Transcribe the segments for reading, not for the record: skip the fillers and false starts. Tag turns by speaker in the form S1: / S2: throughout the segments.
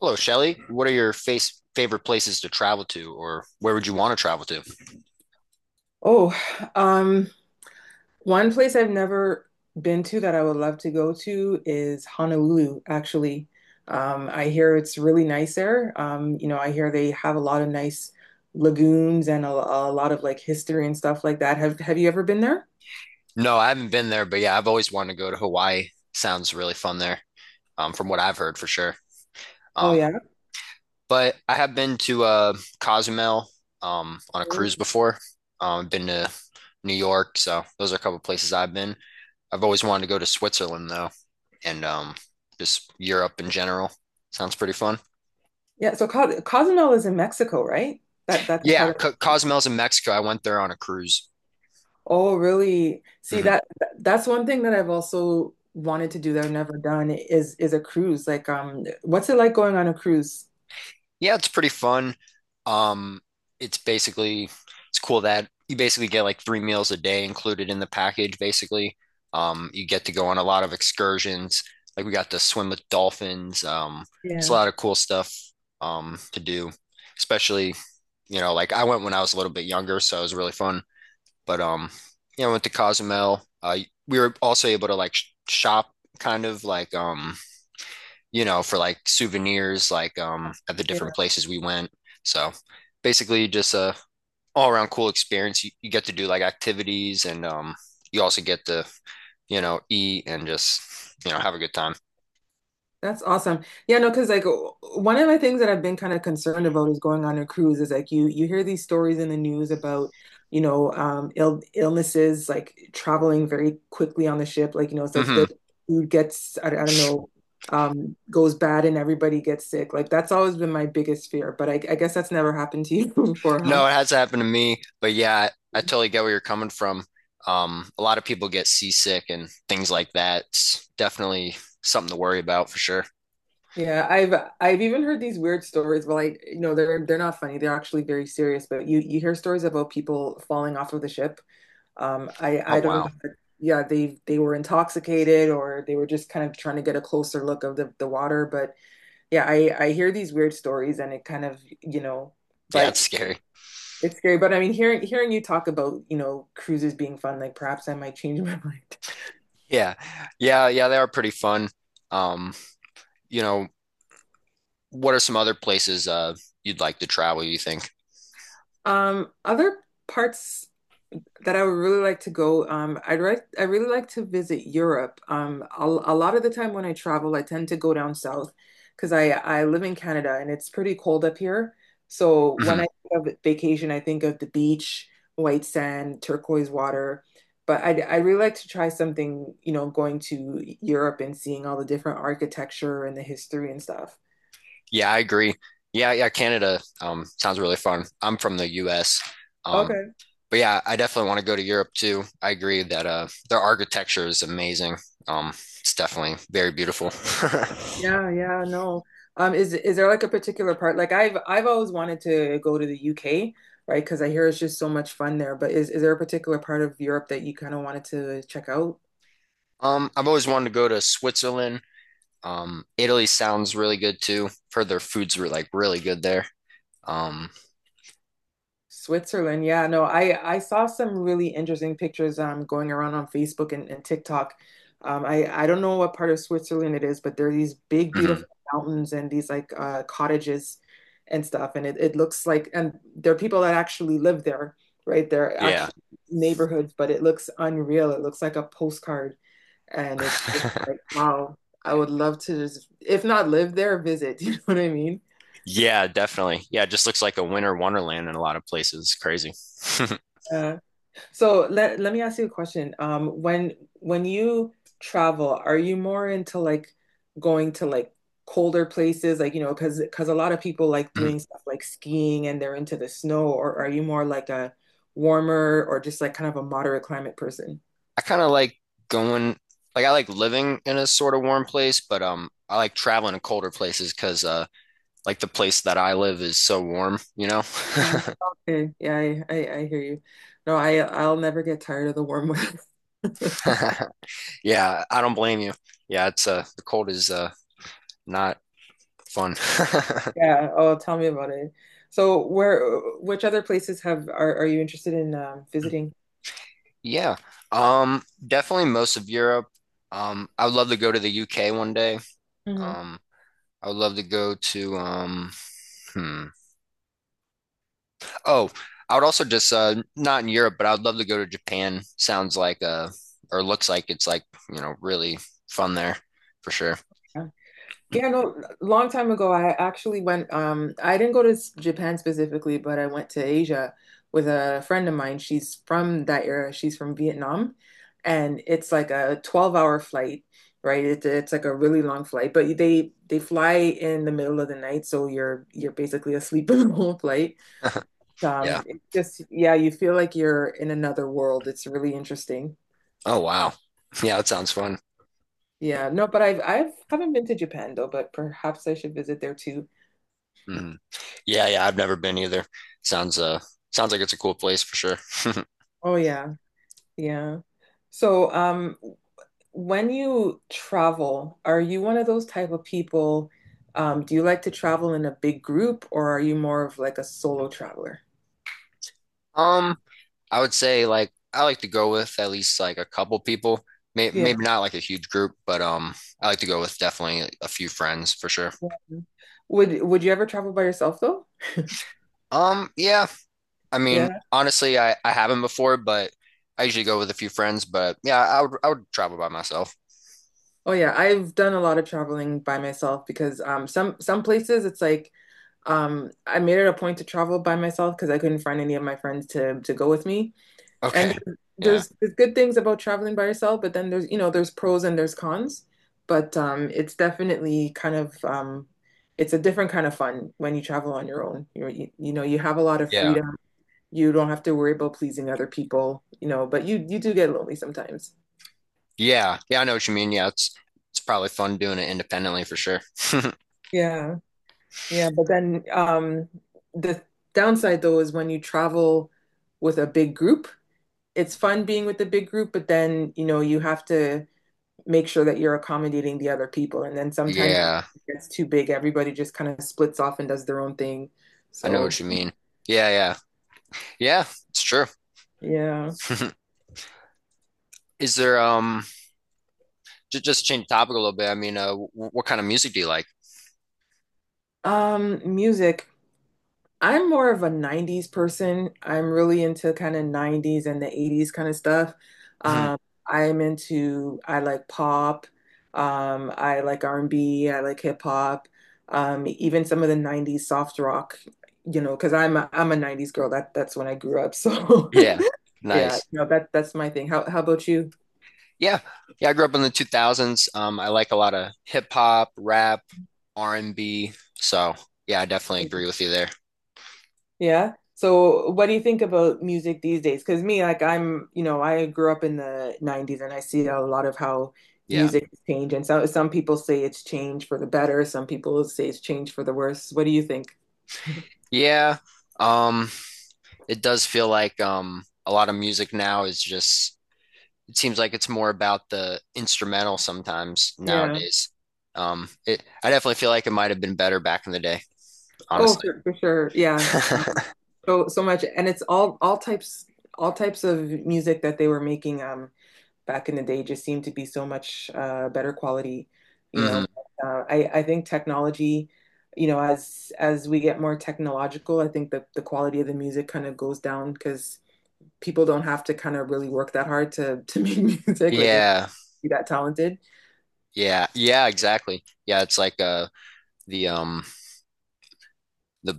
S1: Hello, Shelly. What are your face favorite places to travel to, or where would you want to travel to?
S2: Oh, um, one place I've never been to that I would love to go to is Honolulu, actually. I hear it's really nice there. I hear they have a lot of nice lagoons and a lot of like history and stuff like that. Have you ever been there?
S1: No, I haven't been there, but yeah, I've always wanted to go to Hawaii. Sounds really fun there, from what I've heard for sure.
S2: Oh
S1: Um,
S2: yeah.
S1: but I have been to Cozumel on a
S2: Cool.
S1: cruise before. I've been to New York, so those are a couple places I've been. I've always wanted to go to Switzerland though, and just Europe in general. Sounds pretty fun.
S2: Yeah, so Co Cozumel is in Mexico, right? That's a part
S1: Yeah,
S2: of.
S1: Co Cozumel's in Mexico. I went there on a cruise.
S2: Oh, really? See
S1: Mhm.
S2: that's one thing that I've also wanted to do that I've never done is a cruise. Like what's it like going on a cruise?
S1: Yeah, it's pretty fun. Um, it's basically it's cool that you basically get like three meals a day included in the package, basically. You get to go on a lot of excursions. Like we got to swim with dolphins. It's a
S2: Yeah.
S1: lot of cool stuff to do. Especially, you know, like I went when I was a little bit younger, so it was really fun. But Yeah, I went to Cozumel. We were also able to like sh shop kind of like you know, for like souvenirs, like at the different
S2: Yeah,
S1: places we went. So basically just a all around cool experience. You get to do like activities and you also get to, you know, eat and just, you know, have a good time.
S2: that's awesome. Yeah, no, because like one of the things that I've been kind of concerned about is going on a cruise is like you hear these stories in the news about, you know, illnesses like traveling very quickly on the ship. Like, you know, so
S1: Hmm.
S2: the food gets I don't know, goes bad and everybody gets sick. Like that's always been my biggest fear, but I guess that's never happened to you before, huh?
S1: No, it has happened to me, but yeah, I totally get where you're coming from. A lot of people get seasick and things like that. It's definitely something to worry about for sure.
S2: Yeah, I've even heard these weird stories, but like, you know, they're not funny. They're actually very serious, but you hear stories about people falling off of the ship.
S1: Oh
S2: I don't know.
S1: wow.
S2: If it- Yeah, they were intoxicated or they were just kind of trying to get a closer look of the water. But yeah, I hear these weird stories and it kind of,
S1: Yeah,
S2: but
S1: it's scary.
S2: it's scary. But I mean, hearing you talk about, you know, cruises being fun, like perhaps I might change my mind.
S1: Yeah. Yeah, yeah, they are pretty fun. Um, you know, what are some other places you'd like to travel, you think?
S2: Other parts that I would really like to go. I really like to visit Europe. A lot of the time when I travel, I tend to go down south because I live in Canada and it's pretty cold up here. So
S1: Hmm.
S2: when I think of vacation, I think of the beach, white sand, turquoise water. But I really like to try something, you know, going to Europe and seeing all the different architecture and the history and stuff.
S1: Yeah, I agree. Yeah, yeah, Canada sounds really fun. I'm from the US. Um,
S2: Okay.
S1: but yeah, I definitely want to go to Europe too. I agree that their architecture is amazing. It's definitely very beautiful.
S2: Yeah, yeah, no. Is there like a particular part? Like I've always wanted to go to the UK, right? Because I hear it's just so much fun there. But is there a particular part of Europe that you kind of wanted to check out?
S1: I've always wanted to go to Switzerland. Italy sounds really good too. I've heard their foods were like really good there. Um,
S2: Switzerland. Yeah, no, I saw some really interesting pictures going around on Facebook and TikTok. I don't know what part of Switzerland it is, but there are these big,
S1: mhm.
S2: beautiful mountains and these like cottages and stuff, and it looks like, and there are people that actually live there, right? They're
S1: Yeah.
S2: actual neighborhoods, but it looks unreal. It looks like a postcard, and it's just like wow. I would love to just, if not live there, visit. You know what I mean?
S1: Yeah, definitely. Yeah, it just looks like a winter wonderland in a lot of places. Crazy.
S2: Uh, So let me ask you a question. When you travel, are you more into like going to like colder places, like you know, because a lot of people like
S1: Mhm.
S2: doing stuff like skiing and they're into the snow, or are you more like a warmer or just like kind of a moderate climate person?
S1: I kind of like going, like I like living in a sort of warm place, but I like traveling to colder places because like the place that I live is so warm, you know?
S2: Yeah. Okay, yeah, I hear you. No, I'll never get tired of the warm weather.
S1: Yeah, I don't blame you. Yeah, it's the cold is not fun.
S2: Yeah. Oh, tell me about it. So where which other places have are you interested in visiting?
S1: Yeah, definitely most of Europe. I would love to go to the UK one day.
S2: Mhm.
S1: Um, I would love to go to hmm. Oh, I would also just not in Europe, but I would love to go to Japan. Sounds like or looks like it's like, you know, really fun there for sure.
S2: Yeah, no, long time ago, I actually went, I didn't go to Japan specifically, but I went to Asia with a friend of mine. She's from that era. She's from Vietnam, and it's like a 12-hour flight, right? It's like a really long flight, but they fly in the middle of the night, so you're basically asleep in the whole flight.
S1: Yeah.
S2: It's just, yeah, you feel like you're in another world. It's really interesting.
S1: Oh wow. Yeah, that sounds fun.
S2: Yeah, no, but I've haven't been to Japan though, but perhaps I should visit there too.
S1: Hmm. Yeah, yeah, I've never been either. Sounds uh Sounds like it's a cool place for sure.
S2: Oh yeah. Yeah. So, when you travel, are you one of those type of people? Do you like to travel in a big group or are you more of like a solo traveler?
S1: Um, I would say like I like to go with at least like a couple people.
S2: Yeah.
S1: Maybe not like a huge group, but I like to go with definitely a few friends for sure.
S2: Yeah. Would you ever travel by yourself though?
S1: Yeah. I mean,
S2: Yeah.
S1: honestly, I haven't before, but I usually go with a few friends. But yeah, I would travel by myself.
S2: Oh yeah, I've done a lot of traveling by myself because some places it's like I made it a point to travel by myself because I couldn't find any of my friends to go with me. And
S1: Okay. Yeah.
S2: there's good things about traveling by yourself, but then there's, you know, there's pros and there's cons. But it's definitely kind of, it's a different kind of fun when you travel on your own. You know, you have a lot of
S1: Yeah.
S2: freedom. You don't have to worry about pleasing other people, you know, but you do get lonely sometimes.
S1: Yeah. Yeah, I know what you mean. Yeah, it's probably fun doing it independently for sure.
S2: Yeah, yeah, but then the downside though is when you travel with a big group, it's fun being with the big group, but then you know you have to make sure that you're accommodating the other people. And then sometimes it
S1: Yeah,
S2: gets too big. Everybody just kind of splits off and does their own thing.
S1: I know
S2: So,
S1: what you mean. Yeah, yeah. Yeah, it's true.
S2: yeah.
S1: Is there just to change the topic a little bit? I mean, w what kind of music do you like?
S2: Music. I'm more of a 90s person. I'm really into kind of 90s and the 80s kind of stuff. Um, I like pop. I like r and B. I like hip hop. Even some of the 90s soft rock, you know, because I'm a 90s girl. That's when I grew up. So
S1: Yeah.
S2: Yeah,
S1: Nice.
S2: no, that's my thing. How about you?
S1: Yeah. Yeah, I grew up in the 2000s. I like a lot of hip hop, rap, R&B. So, yeah, I definitely agree with you there.
S2: Yeah. So what do you think about music these days? Because me, like I'm, you know, I grew up in the 90s and I see a lot of how
S1: Yeah.
S2: music has changed. And some people say it's changed for the better, some people say it's changed for the worse. What do you think?
S1: Yeah. Um, it does feel like a lot of music now is just it seems like it's more about the instrumental sometimes
S2: Yeah.
S1: nowadays. It I definitely feel like it might have been better back in the day,
S2: Oh,
S1: honestly.
S2: for sure. Yeah. So so much, and it's all types of music that they were making. Back in the day just seemed to be so much better quality. You know,
S1: Hmm.
S2: I think technology, you know, as we get more technological, I think the quality of the music kind of goes down because people don't have to kind of really work that hard to make music, like you know,
S1: Yeah.
S2: be that talented.
S1: Yeah. Yeah, exactly. Yeah, it's like the um the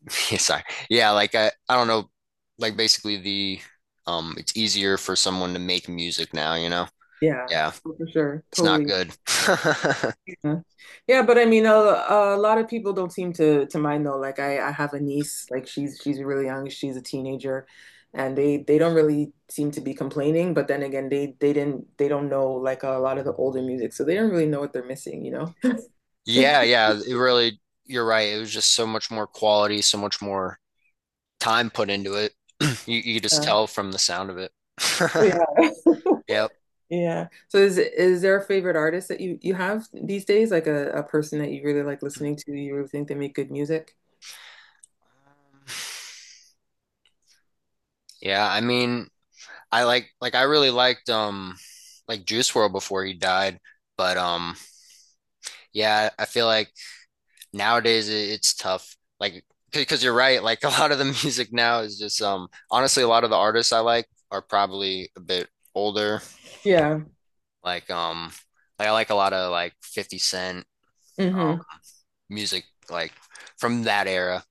S1: Yeah, sorry. Yeah, like I don't know, like basically the it's easier for someone to make music now, you know?
S2: Yeah,
S1: Yeah,
S2: for sure.
S1: it's not
S2: Totally.
S1: good.
S2: Yeah. Yeah, but I mean, a lot of people don't seem to mind though. Like I have a niece, like she's really young, she's a teenager, and they don't really seem to be complaining, but then again, they don't know like a lot of the older music, so they don't really know what they're missing, you know?
S1: Yeah, yeah, it really you're right. It was just so much more quality, so much more time put into it. You could just
S2: Yeah.
S1: tell from the sound of it.
S2: Oh yeah.
S1: Yep.
S2: Yeah. So is there a favorite artist that you have these days, like a person that you really like listening to, you really think they make good music?
S1: Yeah, I mean, I like I really liked Juice World before he died, but yeah, I feel like nowadays it's tough. Like because you're right, like a lot of the music now is just honestly a lot of the artists I like are probably a bit older.
S2: Yeah.
S1: Like I like a lot of like 50 Cent
S2: Hmm.
S1: music like from that era.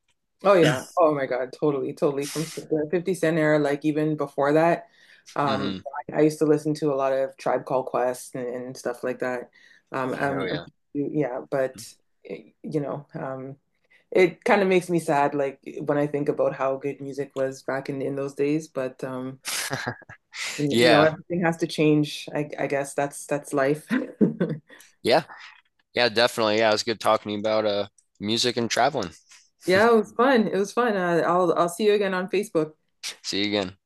S2: Oh yeah. Oh my God. Totally, totally. From the 50 Cent era, like even before that, um,
S1: Hmm.
S2: I used to listen to a lot of Tribe Called Quest and stuff like that. Um,
S1: Oh
S2: um,
S1: yeah.
S2: yeah, but eh, you know, it kind of makes me sad, like when I think about how good music was back in those days. But you know,
S1: Yeah.
S2: everything has to change. I guess that's life.
S1: Yeah. Yeah, definitely. Yeah, it was good talking to you about music and traveling.
S2: Yeah, it was fun. It was fun. I'll see you again on Facebook.
S1: See you again.